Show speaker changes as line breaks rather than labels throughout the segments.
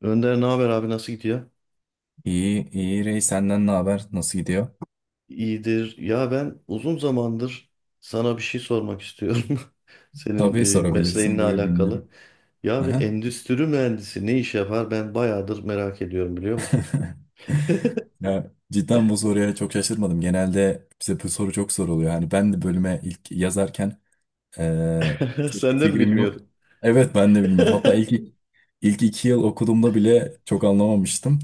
Önder ne haber abi nasıl gidiyor?
İyi, iyi Rey senden ne haber? Nasıl gidiyor?
İyidir. Ya ben uzun zamandır sana bir şey sormak istiyorum. Senin
Tabii sorabilirsin,
mesleğinle
buyur
alakalı.
dinliyorum.
Ya bir
Aha.
endüstri mühendisi ne iş yapar? Ben bayağıdır merak ediyorum biliyor musun?
Ya, cidden bu soruya çok şaşırmadım. Genelde bize bu soru çok soruluyor. Hani ben de bölüme ilk yazarken çok bir
Senden
fikrim yok.
bilmiyordum.
Evet ben de bilmiyordum. Hatta ilk 2 yıl okuduğumda bile çok anlamamıştım.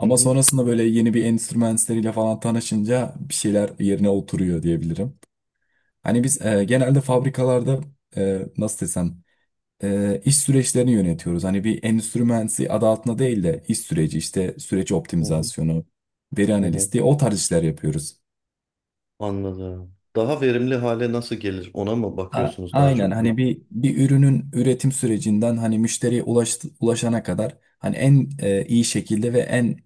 Hı hı,
sonrasında böyle yeni bir enstrümanslarıyla falan tanışınca bir şeyler yerine oturuyor diyebilirim. Hani biz genelde fabrikalarda nasıl desem iş süreçlerini yönetiyoruz. Hani bir endüstri mühendisi adı altında değil de iş süreci işte süreç
hı hı,
optimizasyonu, veri
hı hı.
analisti o tarz işler yapıyoruz.
Anladım. Daha verimli hale nasıl gelir? Ona mı
A-
bakıyorsunuz daha
aynen
çok
hani
bir?
bir ürünün üretim sürecinden hani müşteriye ulaşana kadar hani en iyi şekilde ve en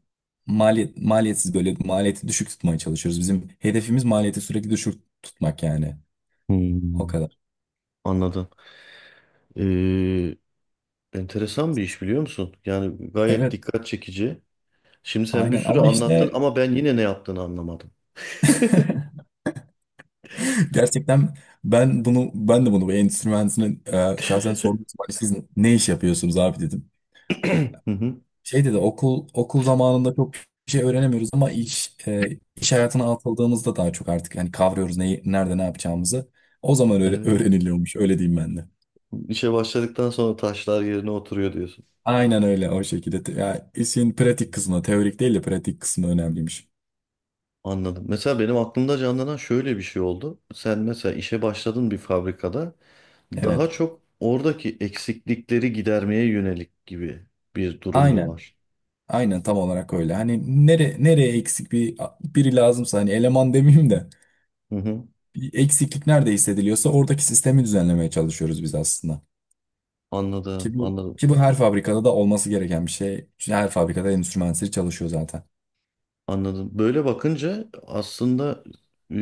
maliyet maliyetsiz böyle maliyeti düşük tutmaya çalışıyoruz. Bizim hedefimiz maliyeti sürekli düşük tutmak yani. O
Hmm,
kadar.
anladım. Ee, Enteresan bir iş biliyor musun? Yani gayet
Evet,
dikkat çekici. Şimdi sen bir
aynen
sürü
ama
anlattın
işte
ama ben yine ne yaptığını anlamadım.
gerçekten ben de bunu bu endüstri mühendisine şahsen sordum. Siz ne iş yapıyorsunuz abi dedim.
Hı hı.
Şey dedi okul zamanında çok bir şey öğrenemiyoruz ama iş hayatına atıldığımızda daha çok artık hani kavruyoruz neyi nerede ne yapacağımızı. O zaman öyle
Evet.
öğreniliyormuş öyle diyeyim ben de.
İşe başladıktan sonra taşlar yerine oturuyor diyorsun.
Aynen öyle o şekilde. Ya, işin pratik kısmı teorik değil de pratik kısmı önemliymiş.
Anladım. Mesela benim aklımda canlanan şöyle bir şey oldu. Sen mesela işe başladın bir fabrikada daha
Evet.
çok oradaki eksiklikleri gidermeye yönelik gibi bir durum mu
Aynen.
var?
Aynen tam olarak öyle. Hani nereye eksik bir biri lazımsa hani eleman demeyeyim de
Hı hı.
eksiklik nerede hissediliyorsa oradaki sistemi düzenlemeye çalışıyoruz biz aslında.
Anladım,
Ki bu
anladım,
ki bu her fabrikada da olması gereken bir şey. Çünkü her fabrikada endüstri mühendisleri çalışıyor zaten.
anladım. Böyle bakınca aslında e,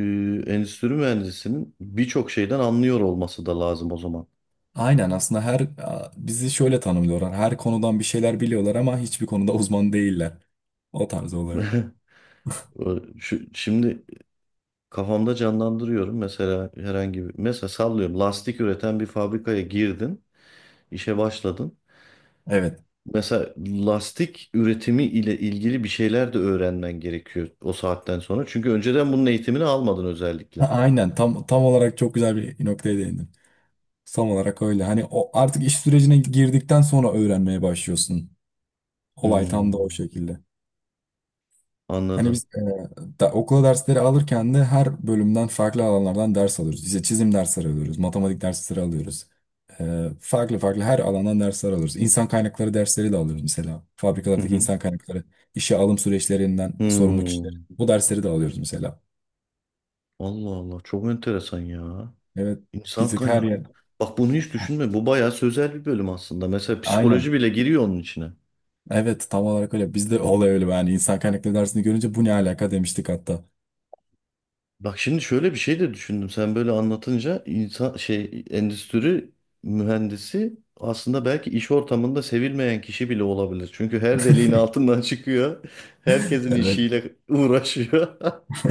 endüstri mühendisinin birçok şeyden anlıyor olması da lazım o zaman.
Aynen aslında bizi şöyle tanımlıyorlar. Her konudan bir şeyler biliyorlar ama hiçbir konuda uzman değiller. O tarz oluyor.
Şimdi kafamda canlandırıyorum mesela herhangi bir mesela sallıyorum lastik üreten bir fabrikaya girdin işe başladın
Evet.
mesela lastik üretimi ile ilgili bir şeyler de öğrenmen gerekiyor o saatten sonra çünkü önceden bunun eğitimini almadın
A-
özellikle.
Aynen tam tam olarak çok güzel bir noktaya değindin. Tam olarak öyle. Hani o artık iş sürecine girdikten sonra öğrenmeye başlıyorsun. Olay tam da o
Hmm,
şekilde. Hani
anladım.
biz okula dersleri alırken de her bölümden farklı alanlardan ders alıyoruz. İşte çizim dersleri alıyoruz, matematik dersleri alıyoruz. E, farklı farklı her alandan dersler alıyoruz. İnsan kaynakları dersleri de alıyoruz mesela.
Hı
Fabrikalardaki
hı.
insan kaynakları, işe alım süreçlerinden sorumlu kişiler.
Hmm,
Bu dersleri de alıyoruz mesela.
Allah Allah çok enteresan ya.
Evet, bir
İnsan
tık her
kaynak
yer.
bak bunu hiç
Heh,
düşünme, bu bayağı sözel bir bölüm aslında, mesela psikoloji
aynen.
bile giriyor onun içine.
Evet, tam olarak öyle. Bizde olay öyle. Yani insan kaynakları dersini görünce bu ne alaka demiştik hatta.
Bak şimdi şöyle bir şey de düşündüm. Sen böyle anlatınca insan şey endüstri mühendisi aslında belki iş ortamında sevilmeyen kişi bile olabilir. Çünkü her deliğin altından çıkıyor. Herkesin
Evet,
işiyle uğraşıyor.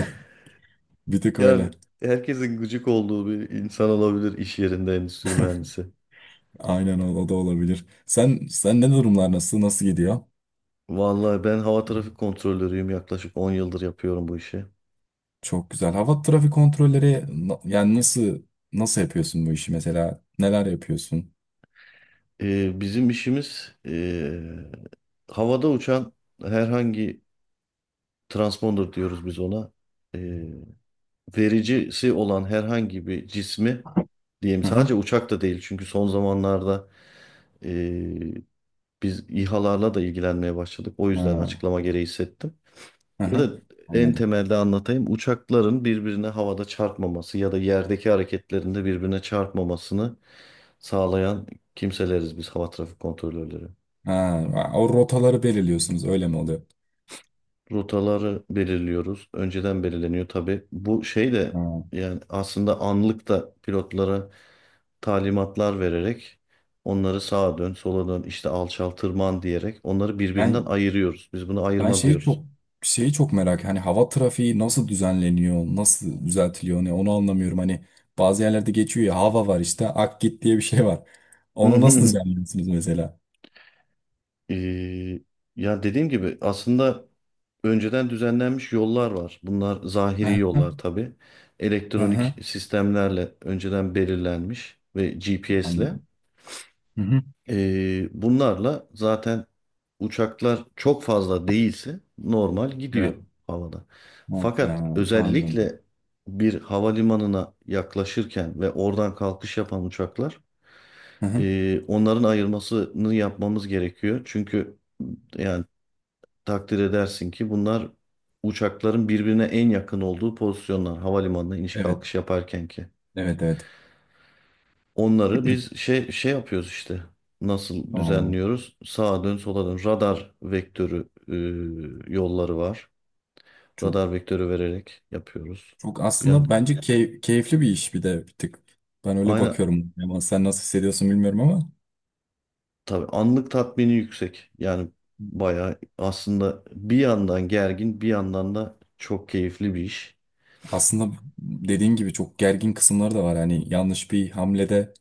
bir tık
Yani
öyle.
herkesin gıcık olduğu bir insan olabilir iş yerinde endüstri mühendisi.
Aynen o, o da olabilir. Sen ne durumlar nasıl gidiyor?
Vallahi ben hava trafik kontrolörüyüm. Yaklaşık 10 yıldır yapıyorum bu işi.
Çok güzel. Hava trafik kontrolleri yani nasıl yapıyorsun bu işi mesela? Neler yapıyorsun?
Bizim işimiz havada uçan herhangi transponder diyoruz biz ona. E, Vericisi olan herhangi bir cismi diyeyim,
Hı hı.
sadece uçak da değil çünkü son zamanlarda e, biz İHA'larla da ilgilenmeye başladık. O yüzden
Ha,
açıklama gereği hissettim.
hı
Ya
hı.
da en
Anladım.
temelde anlatayım. Uçakların birbirine havada çarpmaması ya da yerdeki hareketlerinde birbirine çarpmamasını sağlayan kimseleriz biz, hava trafik kontrolörleri.
Ha, o rotaları belirliyorsunuz öyle mi oluyor?
Rotaları belirliyoruz. Önceden belirleniyor tabii. Bu şey de
Ha.
yani aslında anlık da pilotlara talimatlar vererek onları sağa dön, sola dön, işte alçal, tırman diyerek onları birbirinden
Ben
ayırıyoruz. Biz bunu
ben
ayırma
şeyi
diyoruz.
çok şeyi çok merak hani hava trafiği nasıl düzenleniyor, nasıl düzeltiliyor ne onu anlamıyorum. Hani bazı yerlerde geçiyor ya hava var işte ak git diye bir şey var. Onu nasıl düzenliyorsunuz mesela?
Ee, Ya dediğim gibi aslında önceden düzenlenmiş yollar var. Bunlar zahiri
Hı
yollar tabii.
hı. Hı.
Elektronik sistemlerle önceden belirlenmiş ve GPS'le.
Anladım. Hı hı.
Bunlarla zaten uçaklar çok fazla değilse normal gidiyor
Evet.
havada. Fakat
Ha, anladım.
özellikle bir havalimanına yaklaşırken ve oradan kalkış yapan uçaklar,
Hı hı.
onların ayırmasını yapmamız gerekiyor. Çünkü yani takdir edersin ki bunlar uçakların birbirine en yakın olduğu pozisyonlar, havalimanına iniş
Evet.
kalkış yaparken ki.
Evet evet.
Onları biz şey yapıyoruz işte. Nasıl
Oo,
düzenliyoruz? Sağa dön, sola dön. Radar vektörü yolları var.
çok
Radar vektörü vererek yapıyoruz.
çok
Yani
aslında bence keyifli bir iş bir de bir tık. Ben öyle
aynı
bakıyorum. Ama sen nasıl hissediyorsun bilmiyorum ama
tabii anlık tatmini yüksek. Yani bayağı aslında bir yandan gergin, bir yandan da çok keyifli bir iş.
aslında dediğin gibi çok gergin kısımları da var. Hani yanlış bir hamlede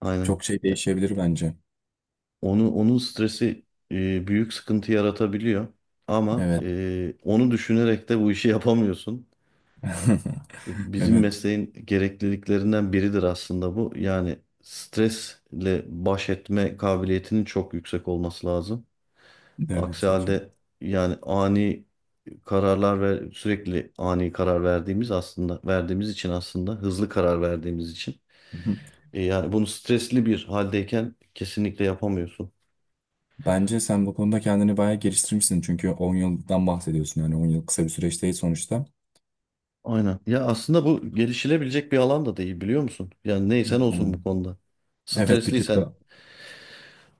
Aynen.
çok şey
Ya,
değişebilir bence.
onun stresi büyük sıkıntı yaratabiliyor. Ama
Evet.
onu düşünerek de bu işi yapamıyorsun. Bizim
Evet.
mesleğin gerekliliklerinden biridir aslında bu. Yani stresle baş etme kabiliyetinin çok yüksek olması lazım.
Evet
Aksi
çok iyi.
halde yani ani kararlar ve sürekli ani karar verdiğimiz aslında verdiğimiz için, aslında hızlı karar verdiğimiz için,
Hı,
Yani bunu stresli bir haldeyken kesinlikle yapamıyorsun.
bence sen bu konuda kendini bayağı geliştirmişsin. Çünkü 10 yıldan bahsediyorsun. Yani 10 yıl kısa bir süreç değil sonuçta.
Aynen. Ya aslında bu gelişilebilecek bir alan da değil biliyor musun? Yani
Hı.
neysen olsun bu konuda.
Evet bir tık
Stresliysen
da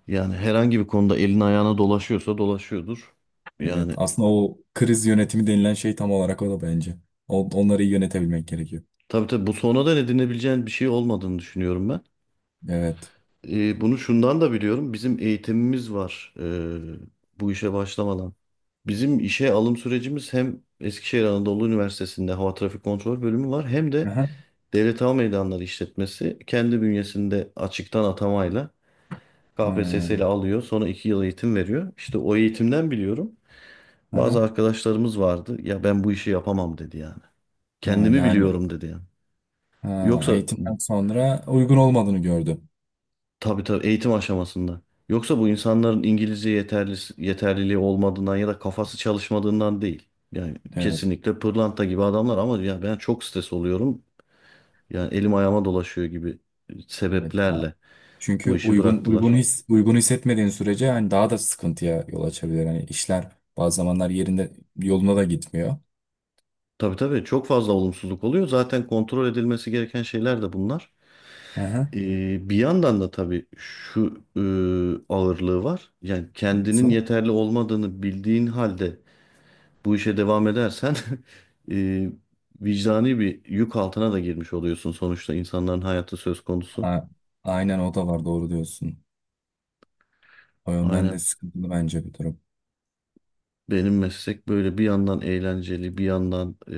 Yani herhangi bir konuda elin ayağına dolaşıyorsa dolaşıyordur.
evet,
Yani
aslında o kriz yönetimi denilen şey tam olarak o da bence. Onları iyi yönetebilmek gerekiyor.
tabii tabii bu sonradan edinebileceğin bir şey olmadığını düşünüyorum ben.
Evet.
Bunu şundan da biliyorum. Bizim eğitimimiz var bu işe başlamadan. Bizim işe alım sürecimiz, hem Eskişehir Anadolu Üniversitesi'nde Hava Trafik Kontrol Bölümü var, hem de
Aha.
Devlet Hava Meydanları İşletmesi kendi bünyesinde açıktan atamayla
Hı,
KPSS ile alıyor. Sonra 2 yıl eğitim veriyor. İşte o eğitimden biliyorum.
aha.
Bazı arkadaşlarımız vardı. Ya ben bu işi yapamam dedi yani.
Ha,
Kendimi
yani
biliyorum dedi yani.
ha,
Yoksa
eğitimden sonra uygun olmadığını gördü.
tabii tabii eğitim aşamasında. Yoksa bu insanların İngilizce yeterliliği olmadığından ya da kafası çalışmadığından değil. Yani
Evet.
kesinlikle pırlanta gibi adamlar ama ya ben çok stres oluyorum. Yani elim ayağıma dolaşıyor gibi
Evet. Ha.
sebeplerle
Çünkü
bu işi
uygun uygun
bıraktılar.
his uygun hissetmediğin sürece hani daha da sıkıntıya yol açabilir. Hani işler bazı zamanlar yerinde yoluna da gitmiyor.
Tabii tabii çok fazla olumsuzluk oluyor. Zaten kontrol edilmesi gereken şeyler de bunlar.
Aha.
Bir yandan da tabii şu ağırlığı var. Yani kendinin
Nasıl?
yeterli olmadığını bildiğin halde bu işe devam edersen e, vicdani bir yük altına da girmiş oluyorsun, sonuçta insanların hayatı söz konusu.
A- aynen o da var doğru diyorsun. O yönden de
Aynen,
sıkıntılı bence bir durum.
benim meslek böyle bir yandan eğlenceli, bir yandan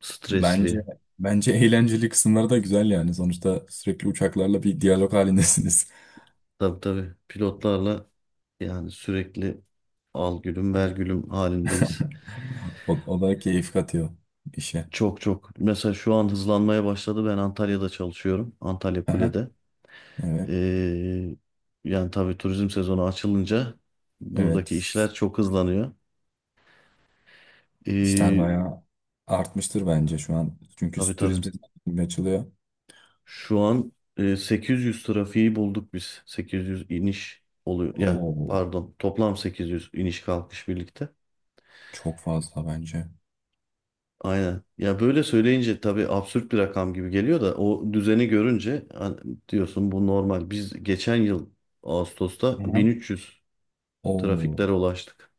stresli.
Bence bence eğlenceli kısımları da güzel yani. Sonuçta sürekli uçaklarla bir diyalog halindesiniz.
Tabii tabii pilotlarla yani sürekli al gülüm ver gülüm halindeyiz.
O, o da keyif katıyor işe.
Çok çok mesela şu an hızlanmaya başladı, ben Antalya'da çalışıyorum, Antalya
Aha,
Kule'de.
evet,
E, Yani tabii turizm sezonu açılınca buradaki
evet.
işler çok hızlanıyor.
İşler
Ee,
bayağı artmıştır bence şu an. Çünkü
Tabii
turizm
tabii.
sektörü açılıyor.
Şu an 800 trafiği bulduk biz. 800 iniş oluyor. Ya
Oo,
pardon, toplam 800 iniş kalkış birlikte.
çok fazla bence.
Aynen. Ya böyle söyleyince tabii absürt bir rakam gibi geliyor da o düzeni görünce hani diyorsun bu normal. Biz geçen yıl Ağustos'ta
Aha.
1300
Oo,
trafiklere ulaştık.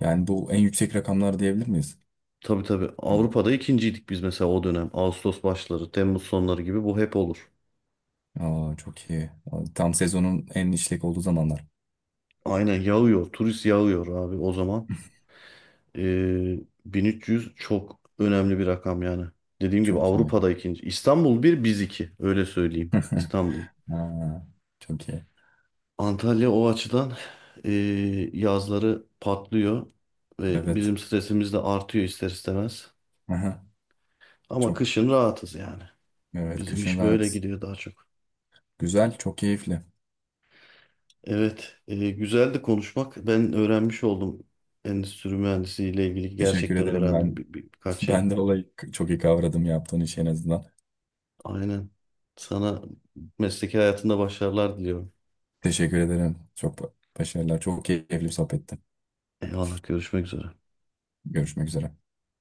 yani bu en yüksek rakamlar diyebilir miyiz?
Tabii tabii
Hı.
Avrupa'da ikinciydik biz mesela o dönem. Ağustos başları, Temmuz sonları gibi bu hep olur.
Aa, çok iyi. Tam sezonun en işlek olduğu zamanlar.
Aynen yağıyor. Turist yağıyor abi o zaman. Ee, 1300 çok önemli bir rakam yani. Dediğim gibi
Çok iyi.
Avrupa'da ikinci. İstanbul bir, biz iki. Öyle söyleyeyim. İstanbul.
Ha, çok iyi.
Antalya o açıdan ee, yazları patlıyor ve
Evet.
bizim stresimiz de artıyor ister istemez.
Aha,
Ama
çok
kışın rahatız yani.
evet
Bizim
kışın
iş böyle
rahat.
gidiyor daha çok.
Güzel, çok keyifli.
Evet, güzeldi konuşmak. Ben öğrenmiş oldum. Endüstri mühendisliği ile ilgili
Teşekkür
gerçekten
ederim
öğrendim
ben.
bir, bir- birkaç şey.
Ben de olayı çok iyi kavradım yaptığın işi en azından.
Aynen. Sana mesleki hayatında başarılar diliyorum.
Teşekkür ederim. Başarılar. Çok keyifli bir sohbetti.
Eyvallah, görüşmek üzere.
Görüşmek üzere.